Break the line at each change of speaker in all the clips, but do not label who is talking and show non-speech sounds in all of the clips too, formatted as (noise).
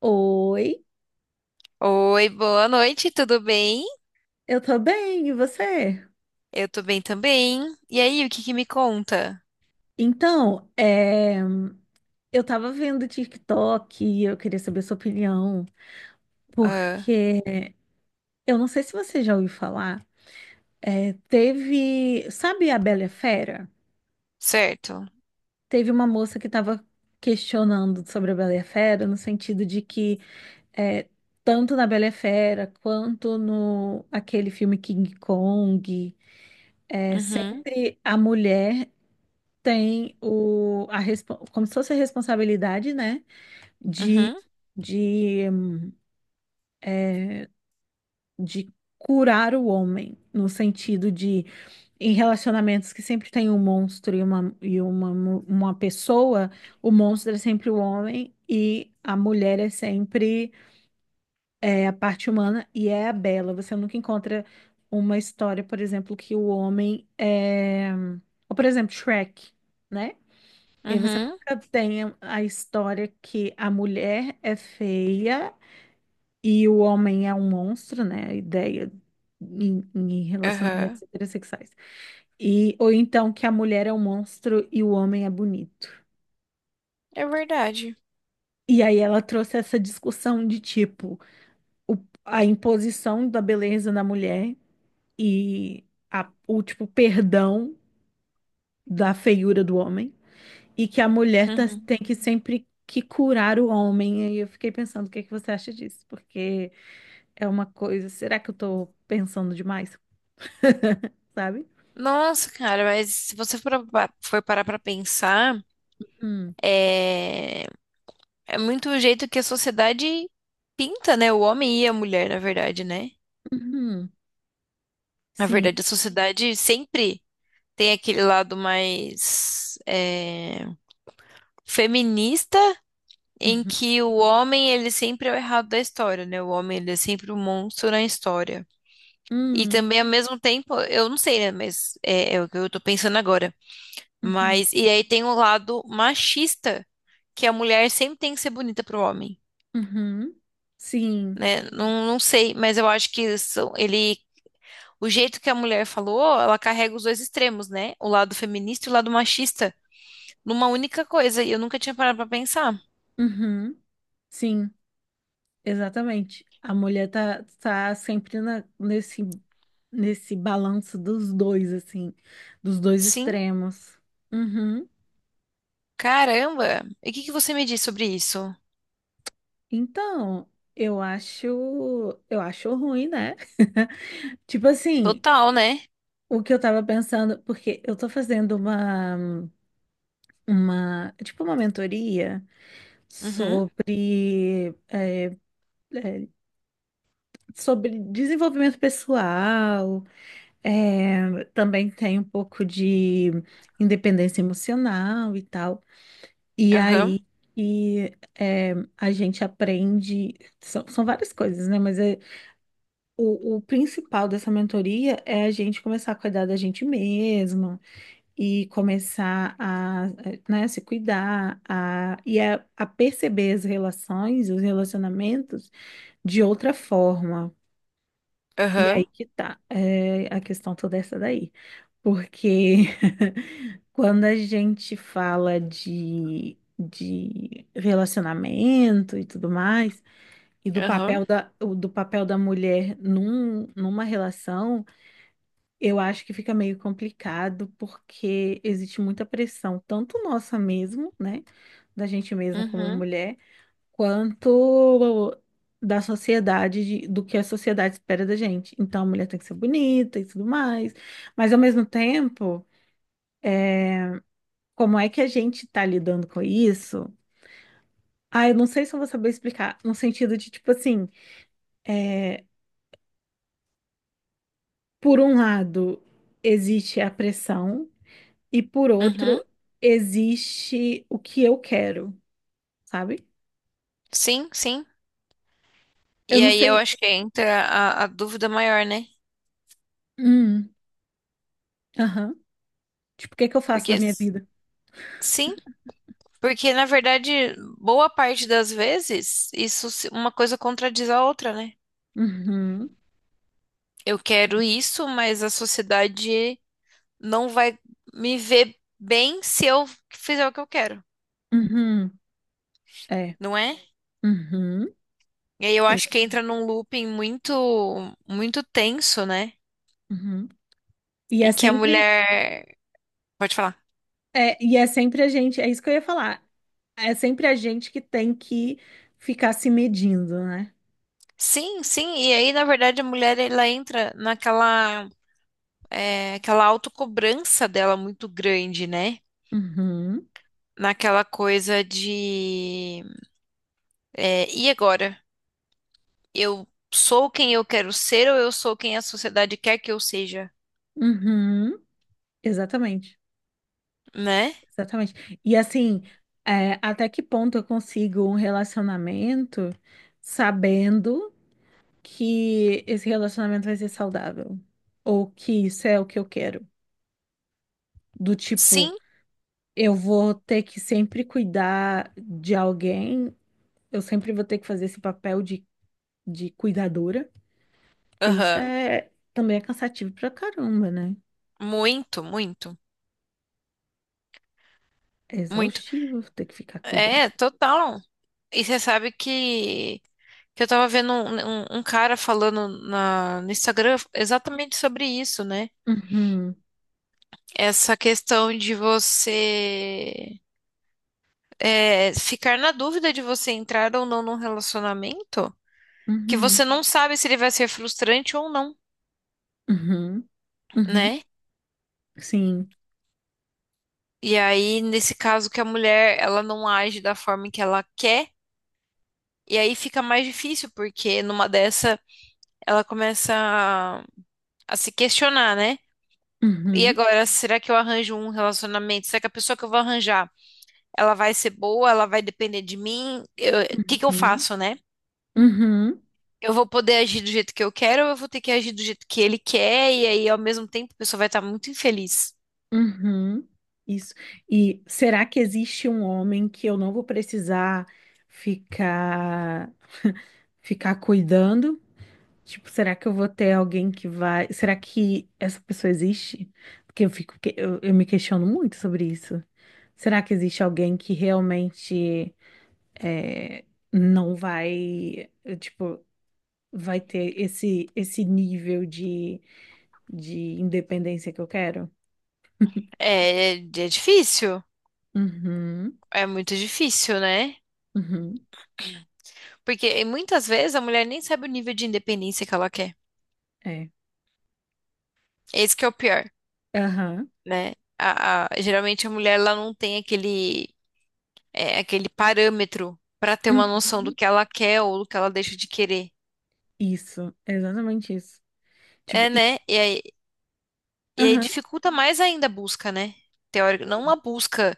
Oi,
Oi, boa noite, tudo bem?
eu tô bem, e você?
Eu tô bem também. E aí, o que que me conta?
Então, é, eu tava vendo o TikTok e eu queria saber sua opinião,
Ah,
porque eu não sei se você já ouviu falar, teve, sabe a Bela e a Fera?
certo.
Teve uma moça que tava questionando sobre a Bela e a Fera, no sentido de que é, tanto na Bela e a Fera quanto no aquele filme King Kong,
Uhum,
sempre a mulher tem como se fosse a responsabilidade, né, de,
uhum,
de, de curar o homem, no sentido de, em relacionamentos que sempre tem um monstro e uma pessoa, o monstro é sempre o homem e a mulher é sempre a parte humana e é a bela. Você nunca encontra uma história, por exemplo, que o homem é. Ou, por exemplo, Shrek, né? E você
uhum,
nunca tem a história que a mulher é feia e o homem é um monstro, né? A ideia em relacionamentos
aham.
heterossexuais. E, ou então que a mulher é um monstro e o homem é bonito.
É verdade.
E aí ela trouxe essa discussão de tipo, o- a imposição da beleza na mulher e o tipo perdão da feiura do homem. E que a mulher
Uhum.
tem que sempre que curar o homem. E eu fiquei pensando, o que é que você acha disso? Porque é uma coisa, será que eu tô pensando demais? (laughs) Sabe?
Nossa, cara, mas se você for parar pra pensar,
Hum,
é, é muito o jeito que a sociedade pinta, né? O homem e a mulher, na verdade, né?
uhum,
Na
sim.
verdade, a sociedade sempre tem aquele lado mais feminista em
Uhum,
que o homem ele sempre é o errado da história, né? O homem ele é sempre o monstro na história. E
hum,
também ao mesmo tempo, eu não sei, né? Mas é o que eu tô pensando agora.
uhum,
Mas e aí tem o lado machista, que a mulher sempre tem que ser bonita pro homem,
uhum, sim.
né? Não, não sei, mas eu acho que isso- ele o jeito que a mulher falou, ela carrega os dois extremos, né? O lado feminista e o lado machista, numa única coisa. E eu nunca tinha parado pra pensar.
Uhum, sim, exatamente. A mulher tá sempre nesse, nesse balanço dos dois, assim, dos dois
Sim,
extremos. Uhum.
caramba. E o que que você me diz sobre isso?
Então, eu acho, eu acho ruim, né? (laughs) Tipo assim,
Total, né?
o que eu tava pensando, porque eu tô fazendo tipo uma mentoria
Uhum,
sobre, é, sobre desenvolvimento pessoal, é, também tem um pouco de independência emocional e tal. E
aham,
aí, e, a gente aprende, são várias coisas, né? Mas é o principal dessa mentoria é a gente começar a cuidar da gente mesma e começar né, se cuidar a perceber as relações, os relacionamentos de outra forma. E aí
aham,
que tá, é, a questão toda essa daí. Porque (laughs) quando a gente fala de relacionamento e tudo mais, e do
aham,
papel do papel da mulher numa relação. Eu acho que fica meio complicado porque existe muita pressão, tanto nossa mesmo, né, da gente mesmo como
uhum,
mulher, quanto da sociedade, do que a sociedade espera da gente. Então, a mulher tem que ser bonita e tudo mais, mas ao mesmo tempo, como é que a gente tá lidando com isso? Ah, eu não sei se eu vou saber explicar, no sentido de, tipo assim, é, por um lado, existe a pressão e por
uhum.
outro, existe o que eu quero, sabe?
Sim, sim.
Eu
E
não
aí eu
sei.
acho que entra a dúvida maior, né?
Hum, aham. Tipo, o que é que eu faço
Porque,
da minha vida?
sim, porque na verdade, boa parte das vezes, uma coisa contradiz a outra, né?
Uhum,
Eu quero isso, mas a sociedade não vai me ver bem se eu fizer o que eu quero,
uhum, é,
não é?
uhum,
E aí eu acho que
exa-
entra num looping muito, muito tenso, né?
uhum. E é
Em que a
sempre,
mulher. Pode falar.
e é sempre a gente, é isso que eu ia falar. É sempre a gente que tem que ficar se medindo, né?
Sim, sim, e aí na verdade a mulher ela entra aquela autocobrança dela muito grande, né?
Uhum,
Naquela coisa de e agora? Eu sou quem eu quero ser ou eu sou quem a sociedade quer que eu seja,
uhum, exatamente,
né?
exatamente. E assim, é, até que ponto eu consigo um relacionamento sabendo que esse relacionamento vai ser saudável. Ou que isso é o que eu quero. Do tipo,
Sim,
eu vou ter que sempre cuidar de alguém, eu sempre vou ter que fazer esse papel de cuidadora, porque isso
aham.
é também é cansativo pra caramba, né?
Muito, muito,
É
muito.
exaustivo ter que ficar cuidando.
É, total. E você sabe que eu tava vendo um cara falando no Instagram exatamente sobre isso, né?
Uhum,
Essa questão de ficar na dúvida de você entrar ou não num relacionamento, que
uhum,
você não sabe se ele vai ser frustrante ou não,
uhum, uhum,
né?
sim.
E aí, nesse caso que a mulher, ela não age da forma que ela quer, e aí fica mais difícil, porque numa dessa, ela começa a se questionar, né? E
Uhum,
agora, será que eu arranjo um relacionamento? Será que a pessoa que eu vou arranjar, ela vai ser boa? Ela vai depender de mim? O que que eu
uhum,
faço, né?
uhum.
Eu vou poder agir do jeito que eu quero, ou eu vou ter que agir do jeito que ele quer, e aí ao mesmo tempo a pessoa vai estar muito infeliz.
Uhum, isso. E será que existe um homem que eu não vou precisar ficar (laughs) ficar cuidando? Tipo, será que eu vou ter alguém que vai? Será que essa pessoa existe? Porque eu me questiono muito sobre isso. Será que existe alguém que realmente é, não vai, tipo, vai ter esse nível de independência que eu quero?
É difícil,
Uhum,
é muito difícil, né?
uhum.
Porque e muitas vezes a mulher nem sabe o nível de independência que ela quer.
É.
Esse que é o pior,
Aham.
né? Geralmente a mulher ela não tem aquele parâmetro para ter uma noção do
Uhum.
que ela quer ou do que ela deixa de querer.
Isso, é exatamente isso. Tipo,
É,
e-
né? E aí,
aham.
dificulta mais ainda a busca, né? Teórico, não uma busca.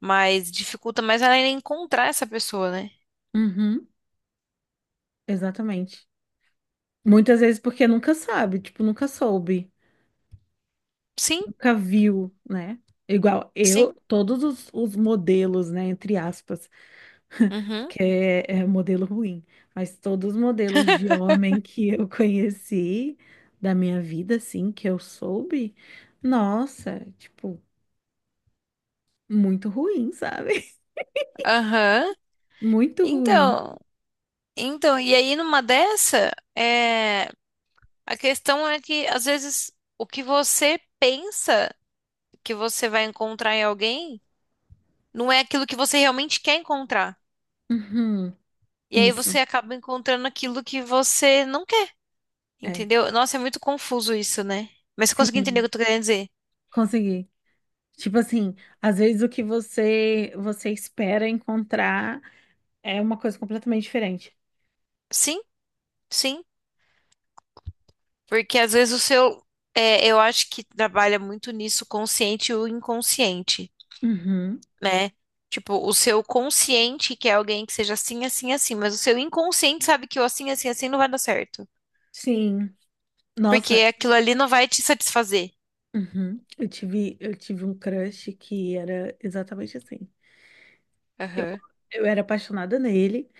Mas dificulta mais ela encontrar essa pessoa, né?
Uhum. Exatamente. Muitas vezes porque nunca sabe, tipo, nunca soube,
Sim,
nunca viu, né? Igual eu,
sim.
todos os modelos, né, entre aspas, (laughs)
Uhum.
é modelo ruim, mas todos os modelos de
(laughs)
homem que eu (laughs) conheci da minha vida, assim, que eu soube, nossa, tipo, muito ruim, sabe?
Aham.
(laughs) Muito ruim.
Então, então, e aí numa dessa, a questão é que às vezes o que você pensa que você vai encontrar em alguém não é aquilo que você realmente quer encontrar.
Uhum.
E aí
Isso.
você acaba encontrando aquilo que você não quer,
É,
entendeu? Nossa, é muito confuso isso, né? Mas você conseguiu entender o que
sim,
eu tô querendo dizer?
consegui. Tipo assim, às vezes o que você espera encontrar é uma coisa completamente diferente.
Sim, sim. Porque às vezes eu acho que trabalha muito nisso, consciente e o inconsciente,
Uhum,
né? Tipo, o seu consciente quer alguém que seja assim, assim, assim, mas o seu inconsciente sabe que o assim, assim, assim não vai dar certo.
sim.
Porque
Nossa,
aquilo ali não vai te satisfazer.
uhum. Eu tive um crush que era exatamente assim. Eu,
Aham.
eu era apaixonada nele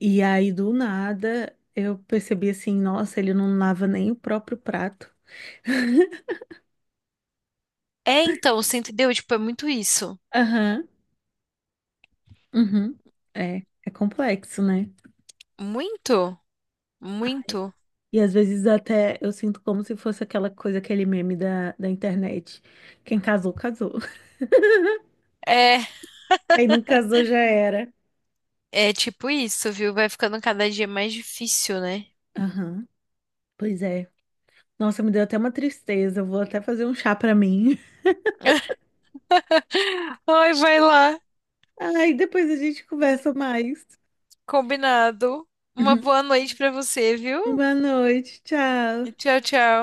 e aí do nada eu percebi assim, nossa, ele não lava nem o próprio prato. (laughs)
É, então, você entendeu? Tipo, é muito isso.
Aham, uhum. É, é complexo, né?
Muito, muito.
E às vezes até eu sinto como se fosse aquela coisa, aquele meme da internet. Quem casou, casou. (laughs)
É,
Quem não casou já era.
é tipo isso, viu? Vai ficando cada dia mais difícil, né?
Aham, pois é. Nossa, me deu até uma tristeza. Eu vou até fazer um chá pra mim.
Ai, vai lá.
(laughs) Ai, depois a gente conversa mais.
Combinado. Uma boa
(laughs)
noite pra você, viu?
Boa noite, tchau.
E tchau, tchau.